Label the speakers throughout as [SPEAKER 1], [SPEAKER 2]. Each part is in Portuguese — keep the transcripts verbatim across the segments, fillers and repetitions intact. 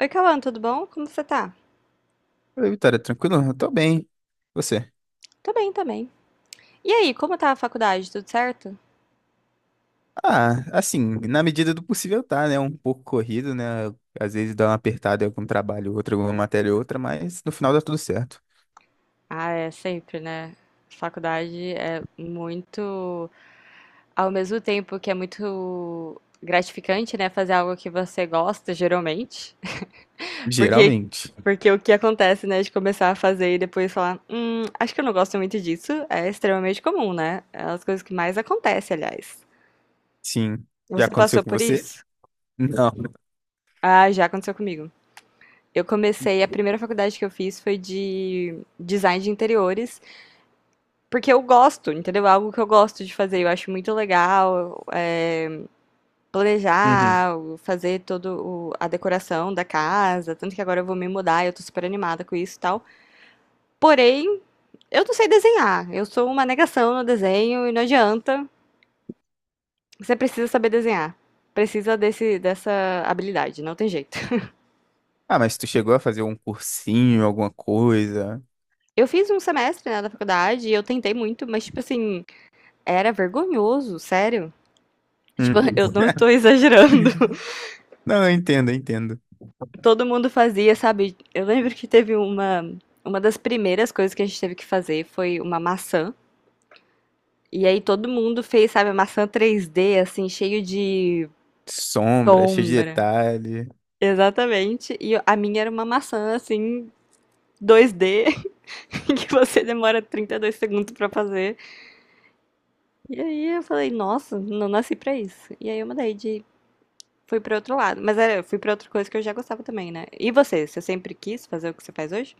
[SPEAKER 1] Oi, Cauã, tudo bom? Como você tá?
[SPEAKER 2] Oi, Vitória, tranquilo? Eu tô bem. Você?
[SPEAKER 1] Tô bem também. E aí, como tá a faculdade? Tudo certo?
[SPEAKER 2] Ah, assim, na medida do possível tá, né? Um pouco corrido, né? Às vezes dá uma apertada em algum trabalho, outro, alguma matéria, outra, mas no final dá tudo certo.
[SPEAKER 1] Ah, é sempre, né? Faculdade é muito, ao mesmo tempo que é muito gratificante, né, fazer algo que você gosta, geralmente, porque
[SPEAKER 2] Geralmente.
[SPEAKER 1] porque o que acontece, né, de começar a fazer e depois falar, hum, acho que eu não gosto muito disso, é extremamente comum, né? É as coisas que mais acontecem, aliás.
[SPEAKER 2] Sim. Já
[SPEAKER 1] Você
[SPEAKER 2] aconteceu
[SPEAKER 1] passou
[SPEAKER 2] com
[SPEAKER 1] por
[SPEAKER 2] você?
[SPEAKER 1] isso?
[SPEAKER 2] Não.
[SPEAKER 1] Ah, já aconteceu comigo. Eu comecei, a primeira faculdade que eu fiz foi de design de interiores, porque eu gosto, entendeu? É algo que eu gosto de fazer, eu acho muito legal é,
[SPEAKER 2] Uhum.
[SPEAKER 1] planejar, fazer toda a decoração da casa, tanto que agora eu vou me mudar, eu tô super animada com isso e tal. Porém, eu não sei desenhar, eu sou uma negação no desenho e não adianta, você precisa saber desenhar, precisa desse, dessa habilidade, não tem jeito.
[SPEAKER 2] Ah, mas tu chegou a fazer um cursinho, alguma coisa?
[SPEAKER 1] Eu fiz um semestre, né, da faculdade e eu tentei muito, mas, tipo assim, era vergonhoso, sério.
[SPEAKER 2] Hum.
[SPEAKER 1] Tipo, eu não estou exagerando.
[SPEAKER 2] Não, eu entendo, eu entendo.
[SPEAKER 1] Todo mundo fazia, sabe? Eu lembro que teve uma. Uma das primeiras coisas que a gente teve que fazer foi uma maçã. E aí todo mundo fez, sabe, a maçã três D, assim, cheio de
[SPEAKER 2] Sombra, cheio de
[SPEAKER 1] sombra.
[SPEAKER 2] detalhe.
[SPEAKER 1] Exatamente. E a minha era uma maçã, assim, dois D, que você demora trinta e dois segundos pra fazer. E aí eu falei, nossa, não nasci pra isso. E aí eu mudei de Fui pra outro lado, mas era, eu fui pra outra coisa que eu já gostava também, né? E você? Você sempre quis fazer o que você faz hoje?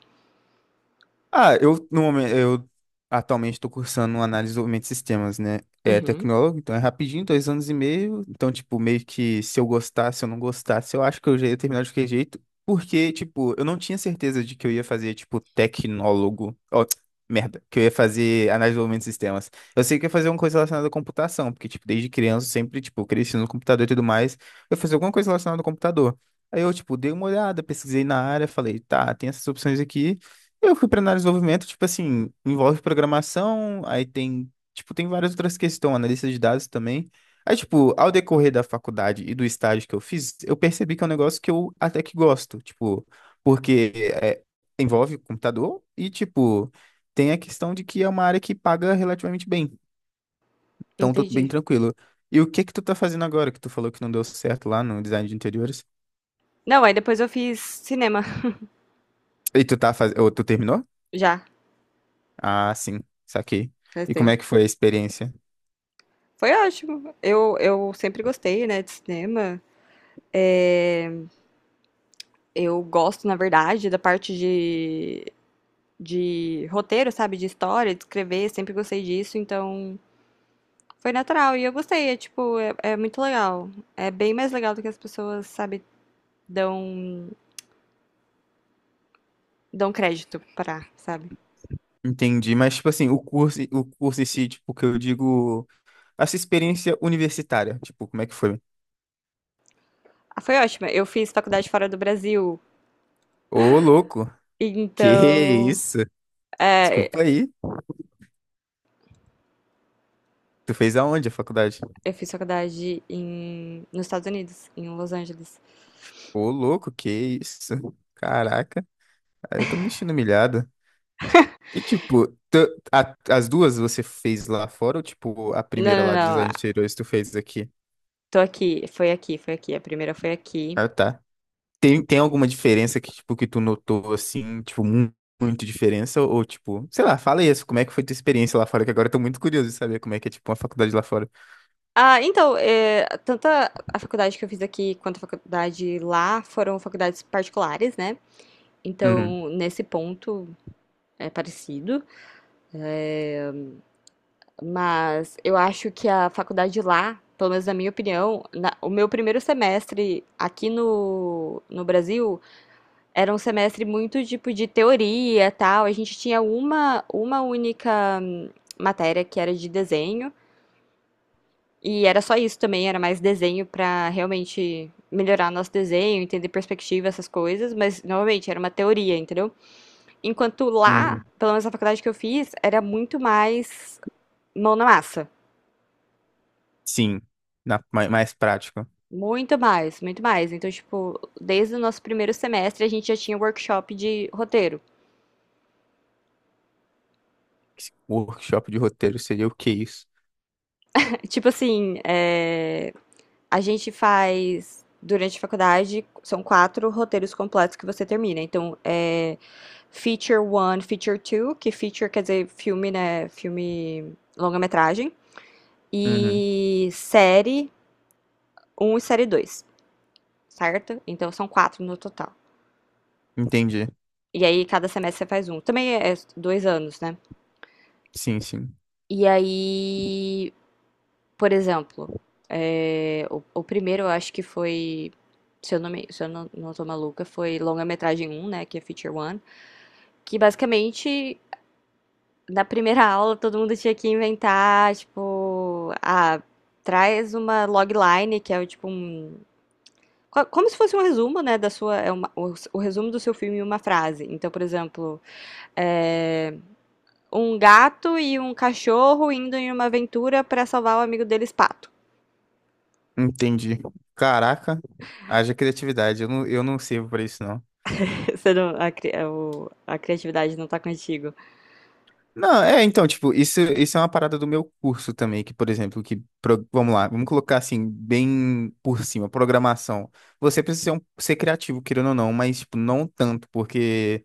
[SPEAKER 2] Ah, eu no momento eu atualmente estou cursando análise e desenvolvimento de sistemas, né? É
[SPEAKER 1] Uhum.
[SPEAKER 2] tecnólogo, então é rapidinho, dois anos e meio. Então, tipo, meio que se eu gostasse, se eu não gostasse, eu acho que eu já ia terminar de qualquer jeito. Porque, tipo, eu não tinha certeza de que eu ia fazer, tipo, tecnólogo. Ó, merda, que eu ia fazer análise e desenvolvimento de sistemas. Eu sei que eu ia fazer alguma coisa relacionada à computação, porque, tipo, desde criança, eu sempre, tipo, cresci no computador e tudo mais. Eu ia fazer alguma coisa relacionada ao computador. Aí eu, tipo, dei uma olhada, pesquisei na área, falei, tá, tem essas opções aqui. Eu fui para análise de desenvolvimento, tipo assim, envolve programação, aí tem, tipo, tem várias outras questões, analista de dados também. Aí, tipo, ao decorrer da faculdade e do estágio que eu fiz, eu percebi que é um negócio que eu até que gosto, tipo, porque é, envolve computador e, tipo, tem a questão de que é uma área que paga relativamente bem, então tô bem
[SPEAKER 1] Entendi.
[SPEAKER 2] tranquilo. E o que que tu tá fazendo agora, que tu falou que não deu certo lá no design de interiores?
[SPEAKER 1] Não, aí depois eu fiz cinema,
[SPEAKER 2] E tu tá fazendo, ou tu terminou?
[SPEAKER 1] já,
[SPEAKER 2] Ah, sim, saquei.
[SPEAKER 1] faz
[SPEAKER 2] E como
[SPEAKER 1] tempo.
[SPEAKER 2] é que foi a experiência?
[SPEAKER 1] Foi ótimo. Eu, eu sempre gostei, né, de cinema. É, eu gosto, na verdade, da parte de, de roteiro, sabe? De história, de escrever, sempre gostei disso, então foi natural. E eu gostei, é tipo, é, é muito legal. É bem mais legal do que as pessoas, sabe, dão, dão crédito pra, sabe?
[SPEAKER 2] Entendi, mas tipo assim, o curso, o curso em si, tipo, que eu digo, essa experiência universitária, tipo, como é que foi?
[SPEAKER 1] Ah, foi ótima. Eu fiz faculdade fora do Brasil.
[SPEAKER 2] Ô, louco, que
[SPEAKER 1] Então,
[SPEAKER 2] isso?
[SPEAKER 1] é,
[SPEAKER 2] Desculpa aí, tu fez aonde a faculdade?
[SPEAKER 1] eu fiz faculdade em, nos Estados Unidos, em Los Angeles.
[SPEAKER 2] Ô, louco, que isso? Caraca, aí eu tô me sentindo humilhado. E, tipo, tu- a- as duas você fez lá fora ou, tipo, a
[SPEAKER 1] Não,
[SPEAKER 2] primeira lá de
[SPEAKER 1] não, não.
[SPEAKER 2] design de interiores tu fez aqui?
[SPEAKER 1] Tô aqui. Foi aqui, foi aqui. A primeira foi aqui.
[SPEAKER 2] Ah, tá. Tem, tem alguma diferença que, tipo, que tu notou, assim, tipo, mu- muito diferença? Ou, tipo, sei lá, fala isso, como é que foi tua experiência lá fora? Que agora eu tô muito curioso de saber como é que é, tipo, uma faculdade lá fora.
[SPEAKER 1] Ah, então, é, tanto a a faculdade que eu fiz aqui quanto a faculdade lá foram faculdades particulares, né?
[SPEAKER 2] Uhum,
[SPEAKER 1] Então, nesse ponto é parecido, mas eu acho que a faculdade lá, pelo menos na minha opinião, na- o meu primeiro semestre aqui no, no Brasil. Era um semestre muito tipo de teoria, tal. A gente tinha uma, uma única hum, matéria que era de desenho, e era só isso também, era mais desenho para realmente melhorar nosso desenho, entender perspectiva, essas coisas, mas novamente era uma teoria, entendeu? Enquanto lá,
[SPEAKER 2] uhum.
[SPEAKER 1] pelo menos na faculdade que eu fiz, era muito mais mão na massa.
[SPEAKER 2] Sim, na, mais, mais prática.
[SPEAKER 1] Muito mais, muito mais. Então, tipo, desde o nosso primeiro semestre a gente já tinha workshop de roteiro.
[SPEAKER 2] Workshop de roteiro seria o que isso?
[SPEAKER 1] Tipo assim, é, a gente faz, durante a faculdade, são quatro roteiros completos que você termina. Então, é Feature um, Feature dois, que feature quer dizer filme, né? Filme longa-metragem.
[SPEAKER 2] Uhum,
[SPEAKER 1] E série um e série dois, certo? Então, são quatro no total.
[SPEAKER 2] entendi.
[SPEAKER 1] E aí, cada semestre você faz um. Também é é dois anos, né?
[SPEAKER 2] Sim, sim.
[SPEAKER 1] E aí, por exemplo, é, o, o primeiro eu acho que foi, se eu não, me, se eu não, não tô maluca, foi longa-metragem um, né? Que é Feature um, que basicamente na primeira aula todo mundo tinha que inventar, tipo, ah, traz uma logline, que é o tipo um. co- Como se fosse um resumo, né, da sua. É uma- o, o resumo do seu filme em uma frase. Então, por exemplo, é, um gato e um cachorro indo em uma aventura para salvar o amigo deles, pato.
[SPEAKER 2] Entendi. Caraca, haja criatividade. Eu não, eu não sirvo pra isso, não.
[SPEAKER 1] Você não- a, cri- o- a criatividade não tá contigo.
[SPEAKER 2] Não, é, então, tipo, isso, isso é uma parada do meu curso também, que, por exemplo, que, pro- vamos lá, vamos colocar assim, bem por cima, programação. Você precisa ser, um- ser criativo, querendo ou não, mas, tipo, não tanto, porque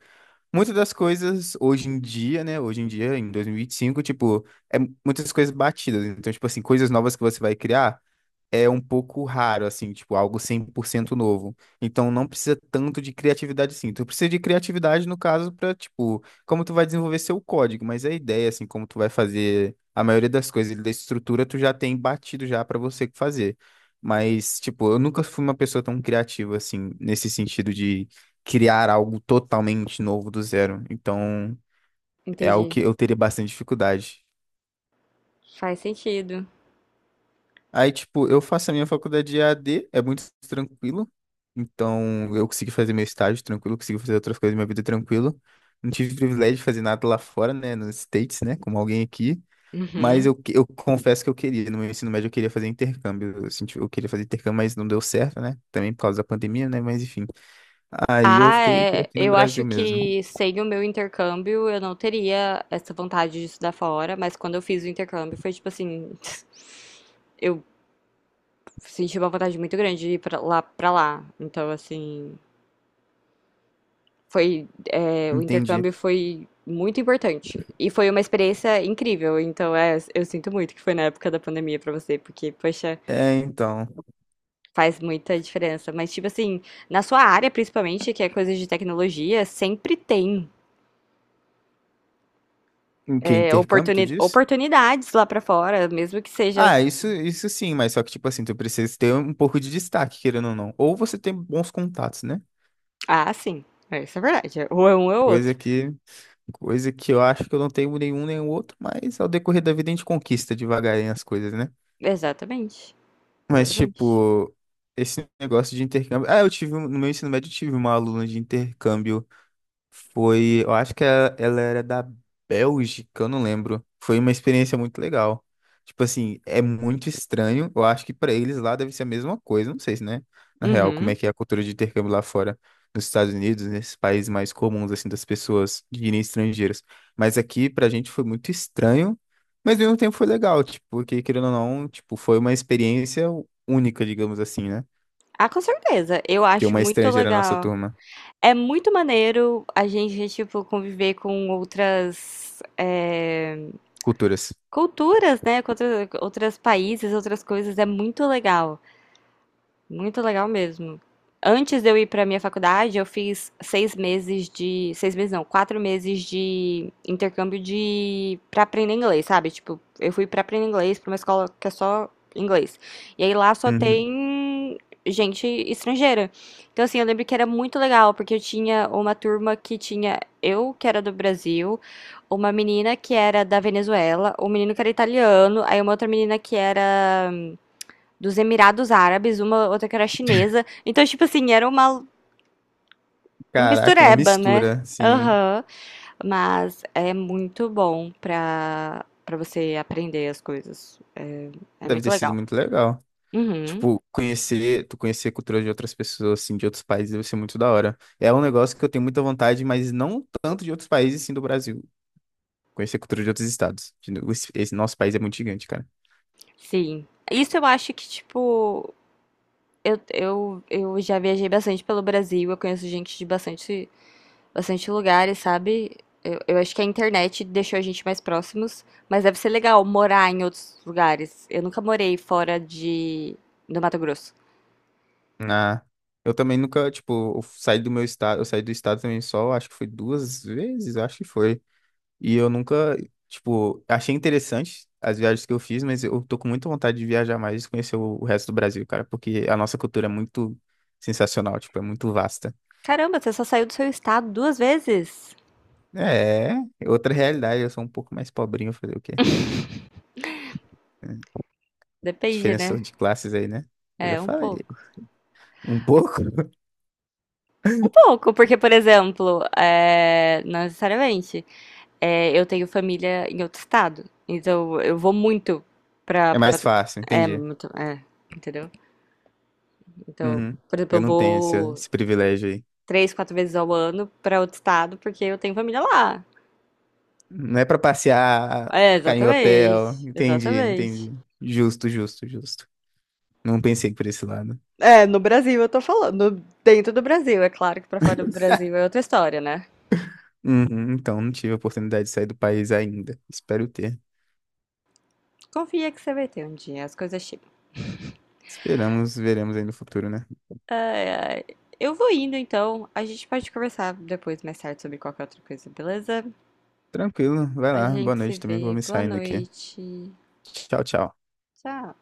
[SPEAKER 2] muitas das coisas hoje em dia, né, hoje em dia, em dois mil e e vinte e cinco tipo, é muitas coisas batidas. Então, tipo assim, coisas novas que você vai criar é um pouco raro, assim, tipo, algo cem por cento novo. Então, não precisa tanto de criatividade, sim. Tu precisa de criatividade, no caso, para, tipo, como tu vai desenvolver seu código, mas a ideia, assim, como tu vai fazer a maioria das coisas da estrutura, tu já tem batido já para você fazer. Mas, tipo, eu nunca fui uma pessoa tão criativa, assim, nesse sentido de criar algo totalmente novo do zero. Então, é algo
[SPEAKER 1] Entendi.
[SPEAKER 2] que eu teria bastante dificuldade.
[SPEAKER 1] Faz sentido.
[SPEAKER 2] Aí, tipo, eu faço a minha faculdade de A d é muito tranquilo. Então, eu consegui fazer meu estágio tranquilo, consegui fazer outras coisas da minha vida tranquilo. Não tive privilégio de fazer nada lá fora, né, nos States, né, como alguém aqui. Mas
[SPEAKER 1] Uhum.
[SPEAKER 2] eu, que- eu confesso que eu queria, no meu ensino médio eu queria fazer intercâmbio. Eu senti, eu queria fazer intercâmbio, mas não deu certo, né? Também por causa da pandemia, né? Mas enfim. Aí eu
[SPEAKER 1] Ah,
[SPEAKER 2] fiquei por
[SPEAKER 1] é.
[SPEAKER 2] aqui no
[SPEAKER 1] Eu
[SPEAKER 2] Brasil
[SPEAKER 1] acho
[SPEAKER 2] mesmo.
[SPEAKER 1] que sem o meu intercâmbio eu não teria essa vontade de estudar fora, mas quando eu fiz o intercâmbio foi tipo assim, eu senti uma vontade muito grande de ir pra lá, pra lá. Então, assim, foi, é, o
[SPEAKER 2] Entendi.
[SPEAKER 1] intercâmbio foi muito importante e foi uma experiência incrível. Então, é, eu sinto muito que foi na época da pandemia pra você, porque, poxa,
[SPEAKER 2] É, então.
[SPEAKER 1] faz muita diferença. Mas, tipo assim, na sua área, principalmente, que é coisa de tecnologia, sempre tem,
[SPEAKER 2] O que?
[SPEAKER 1] é,
[SPEAKER 2] Intercâmbio, tu
[SPEAKER 1] oportuni-
[SPEAKER 2] disse?
[SPEAKER 1] oportunidades lá pra fora, mesmo que seja.
[SPEAKER 2] Ah, isso, isso sim, mas só que, tipo assim, tu precisa ter um pouco de destaque, querendo ou não. Ou você tem bons contatos, né?
[SPEAKER 1] Ah, sim. É, isso é verdade. é, Ou é um ou é
[SPEAKER 2] Coisa
[SPEAKER 1] outro.
[SPEAKER 2] que, coisa que eu acho que eu não tenho nenhum nem o outro, mas ao decorrer da vida a gente conquista devagarinho as coisas, né?
[SPEAKER 1] Exatamente.
[SPEAKER 2] Mas,
[SPEAKER 1] Exatamente.
[SPEAKER 2] tipo, esse negócio de intercâmbio. Ah, eu tive, um- no meu ensino médio, eu tive uma aluna de intercâmbio. Foi, eu acho que ela, ela era da Bélgica, eu não lembro. Foi uma experiência muito legal. Tipo assim, é muito estranho. Eu acho que pra eles lá deve ser a mesma coisa. Não sei se, né? Na real, como é
[SPEAKER 1] Uhum.
[SPEAKER 2] que é a cultura de intercâmbio lá fora, nos Estados Unidos, nesses países mais comuns, assim, das pessoas de irem estrangeiras. Mas aqui, pra gente, foi muito estranho, mas ao mesmo tempo foi legal, tipo, porque, querendo ou não, tipo, foi uma experiência única, digamos assim, né?
[SPEAKER 1] Ah, com certeza. Eu
[SPEAKER 2] Ter
[SPEAKER 1] acho
[SPEAKER 2] uma
[SPEAKER 1] muito
[SPEAKER 2] estrangeira na nossa
[SPEAKER 1] legal.
[SPEAKER 2] turma.
[SPEAKER 1] É muito maneiro a gente, tipo, conviver com outras é,
[SPEAKER 2] Culturas.
[SPEAKER 1] culturas, né? Com outra- outros países, outras coisas. É muito legal. Muito legal mesmo. Antes de eu ir para minha faculdade, eu fiz seis meses de, seis meses não, quatro meses de intercâmbio de para aprender inglês, sabe? Tipo, eu fui para aprender inglês para uma escola que é só inglês. E aí lá só
[SPEAKER 2] Uhum.
[SPEAKER 1] tem gente estrangeira. Então assim, eu lembro que era muito legal porque eu tinha uma turma que tinha eu que era do Brasil, uma menina que era da Venezuela, um menino que era italiano, aí uma outra menina que era dos Emirados Árabes, uma outra que era chinesa. Então, tipo assim, era uma
[SPEAKER 2] Caraca, uma
[SPEAKER 1] mistureba, né?
[SPEAKER 2] mistura, sim.
[SPEAKER 1] Aham. Mas é muito bom pra, pra você aprender as coisas. É, é
[SPEAKER 2] Deve
[SPEAKER 1] muito
[SPEAKER 2] ter sido
[SPEAKER 1] legal.
[SPEAKER 2] muito legal.
[SPEAKER 1] Uhum,
[SPEAKER 2] Tipo, conhecer, tu conhecer a cultura de outras pessoas, assim, de outros países, deve ser muito da hora. É um negócio que eu tenho muita vontade, mas não tanto de outros países, sim, do Brasil. Conhecer a cultura de outros estados. De no- Esse esse nosso país é muito gigante, cara.
[SPEAKER 1] sim. Isso eu acho que, tipo, eu, eu, eu já viajei bastante pelo Brasil, eu conheço gente de bastante bastante lugares, sabe? Eu, eu acho que a internet deixou a gente mais próximos, mas deve ser legal morar em outros lugares. Eu nunca morei fora de do Mato Grosso.
[SPEAKER 2] Ah, eu também nunca, tipo, eu saí do meu estado, eu saí do estado também só, acho que foi duas vezes, acho que foi. E eu nunca, tipo, achei interessante as viagens que eu fiz, mas eu tô com muita vontade de viajar mais e conhecer o o resto do Brasil, cara, porque a nossa cultura é muito sensacional, tipo, é muito vasta.
[SPEAKER 1] Caramba, você só saiu do seu estado duas vezes?
[SPEAKER 2] É, é outra realidade, eu sou um pouco mais pobrinho, fazer o quê? É,
[SPEAKER 1] Depende,
[SPEAKER 2] diferença
[SPEAKER 1] né?
[SPEAKER 2] de classes aí, né? Eu já
[SPEAKER 1] É, um
[SPEAKER 2] falei.
[SPEAKER 1] pouco.
[SPEAKER 2] Um pouco?
[SPEAKER 1] Um pouco, porque, por exemplo, é, não necessariamente, é, eu tenho família em outro estado. Então, eu vou muito pra,
[SPEAKER 2] É
[SPEAKER 1] pro
[SPEAKER 2] mais
[SPEAKER 1] Mato Grosso.
[SPEAKER 2] fácil,
[SPEAKER 1] É,
[SPEAKER 2] entendi.
[SPEAKER 1] muito, é, entendeu? Então,
[SPEAKER 2] Uhum.
[SPEAKER 1] por exemplo, eu
[SPEAKER 2] Eu não tenho esse,
[SPEAKER 1] vou
[SPEAKER 2] esse privilégio aí.
[SPEAKER 1] três quatro vezes ao ano para outro estado, porque eu tenho família lá.
[SPEAKER 2] Não é pra passear,
[SPEAKER 1] É,
[SPEAKER 2] ficar em hotel.
[SPEAKER 1] exatamente.
[SPEAKER 2] Entendi,
[SPEAKER 1] Exatamente.
[SPEAKER 2] entendi. Justo, justo, justo. Não pensei por esse lado.
[SPEAKER 1] É, no Brasil eu tô falando, no- dentro do Brasil, é claro que pra fora do Brasil é outra história, né?
[SPEAKER 2] Uhum, então, não tive a oportunidade de sair do país ainda. Espero ter.
[SPEAKER 1] Confia que você vai ter um dia, as coisas chegam.
[SPEAKER 2] Esperamos, veremos aí no futuro, né?
[SPEAKER 1] Ai, ai. Eu vou indo então, a gente pode conversar depois, mais tarde, sobre qualquer outra coisa, beleza?
[SPEAKER 2] Tranquilo, vai
[SPEAKER 1] A
[SPEAKER 2] lá. Boa
[SPEAKER 1] gente se
[SPEAKER 2] noite, também vou
[SPEAKER 1] vê,
[SPEAKER 2] me
[SPEAKER 1] boa
[SPEAKER 2] saindo aqui.
[SPEAKER 1] noite,
[SPEAKER 2] Tchau, tchau.
[SPEAKER 1] tchau.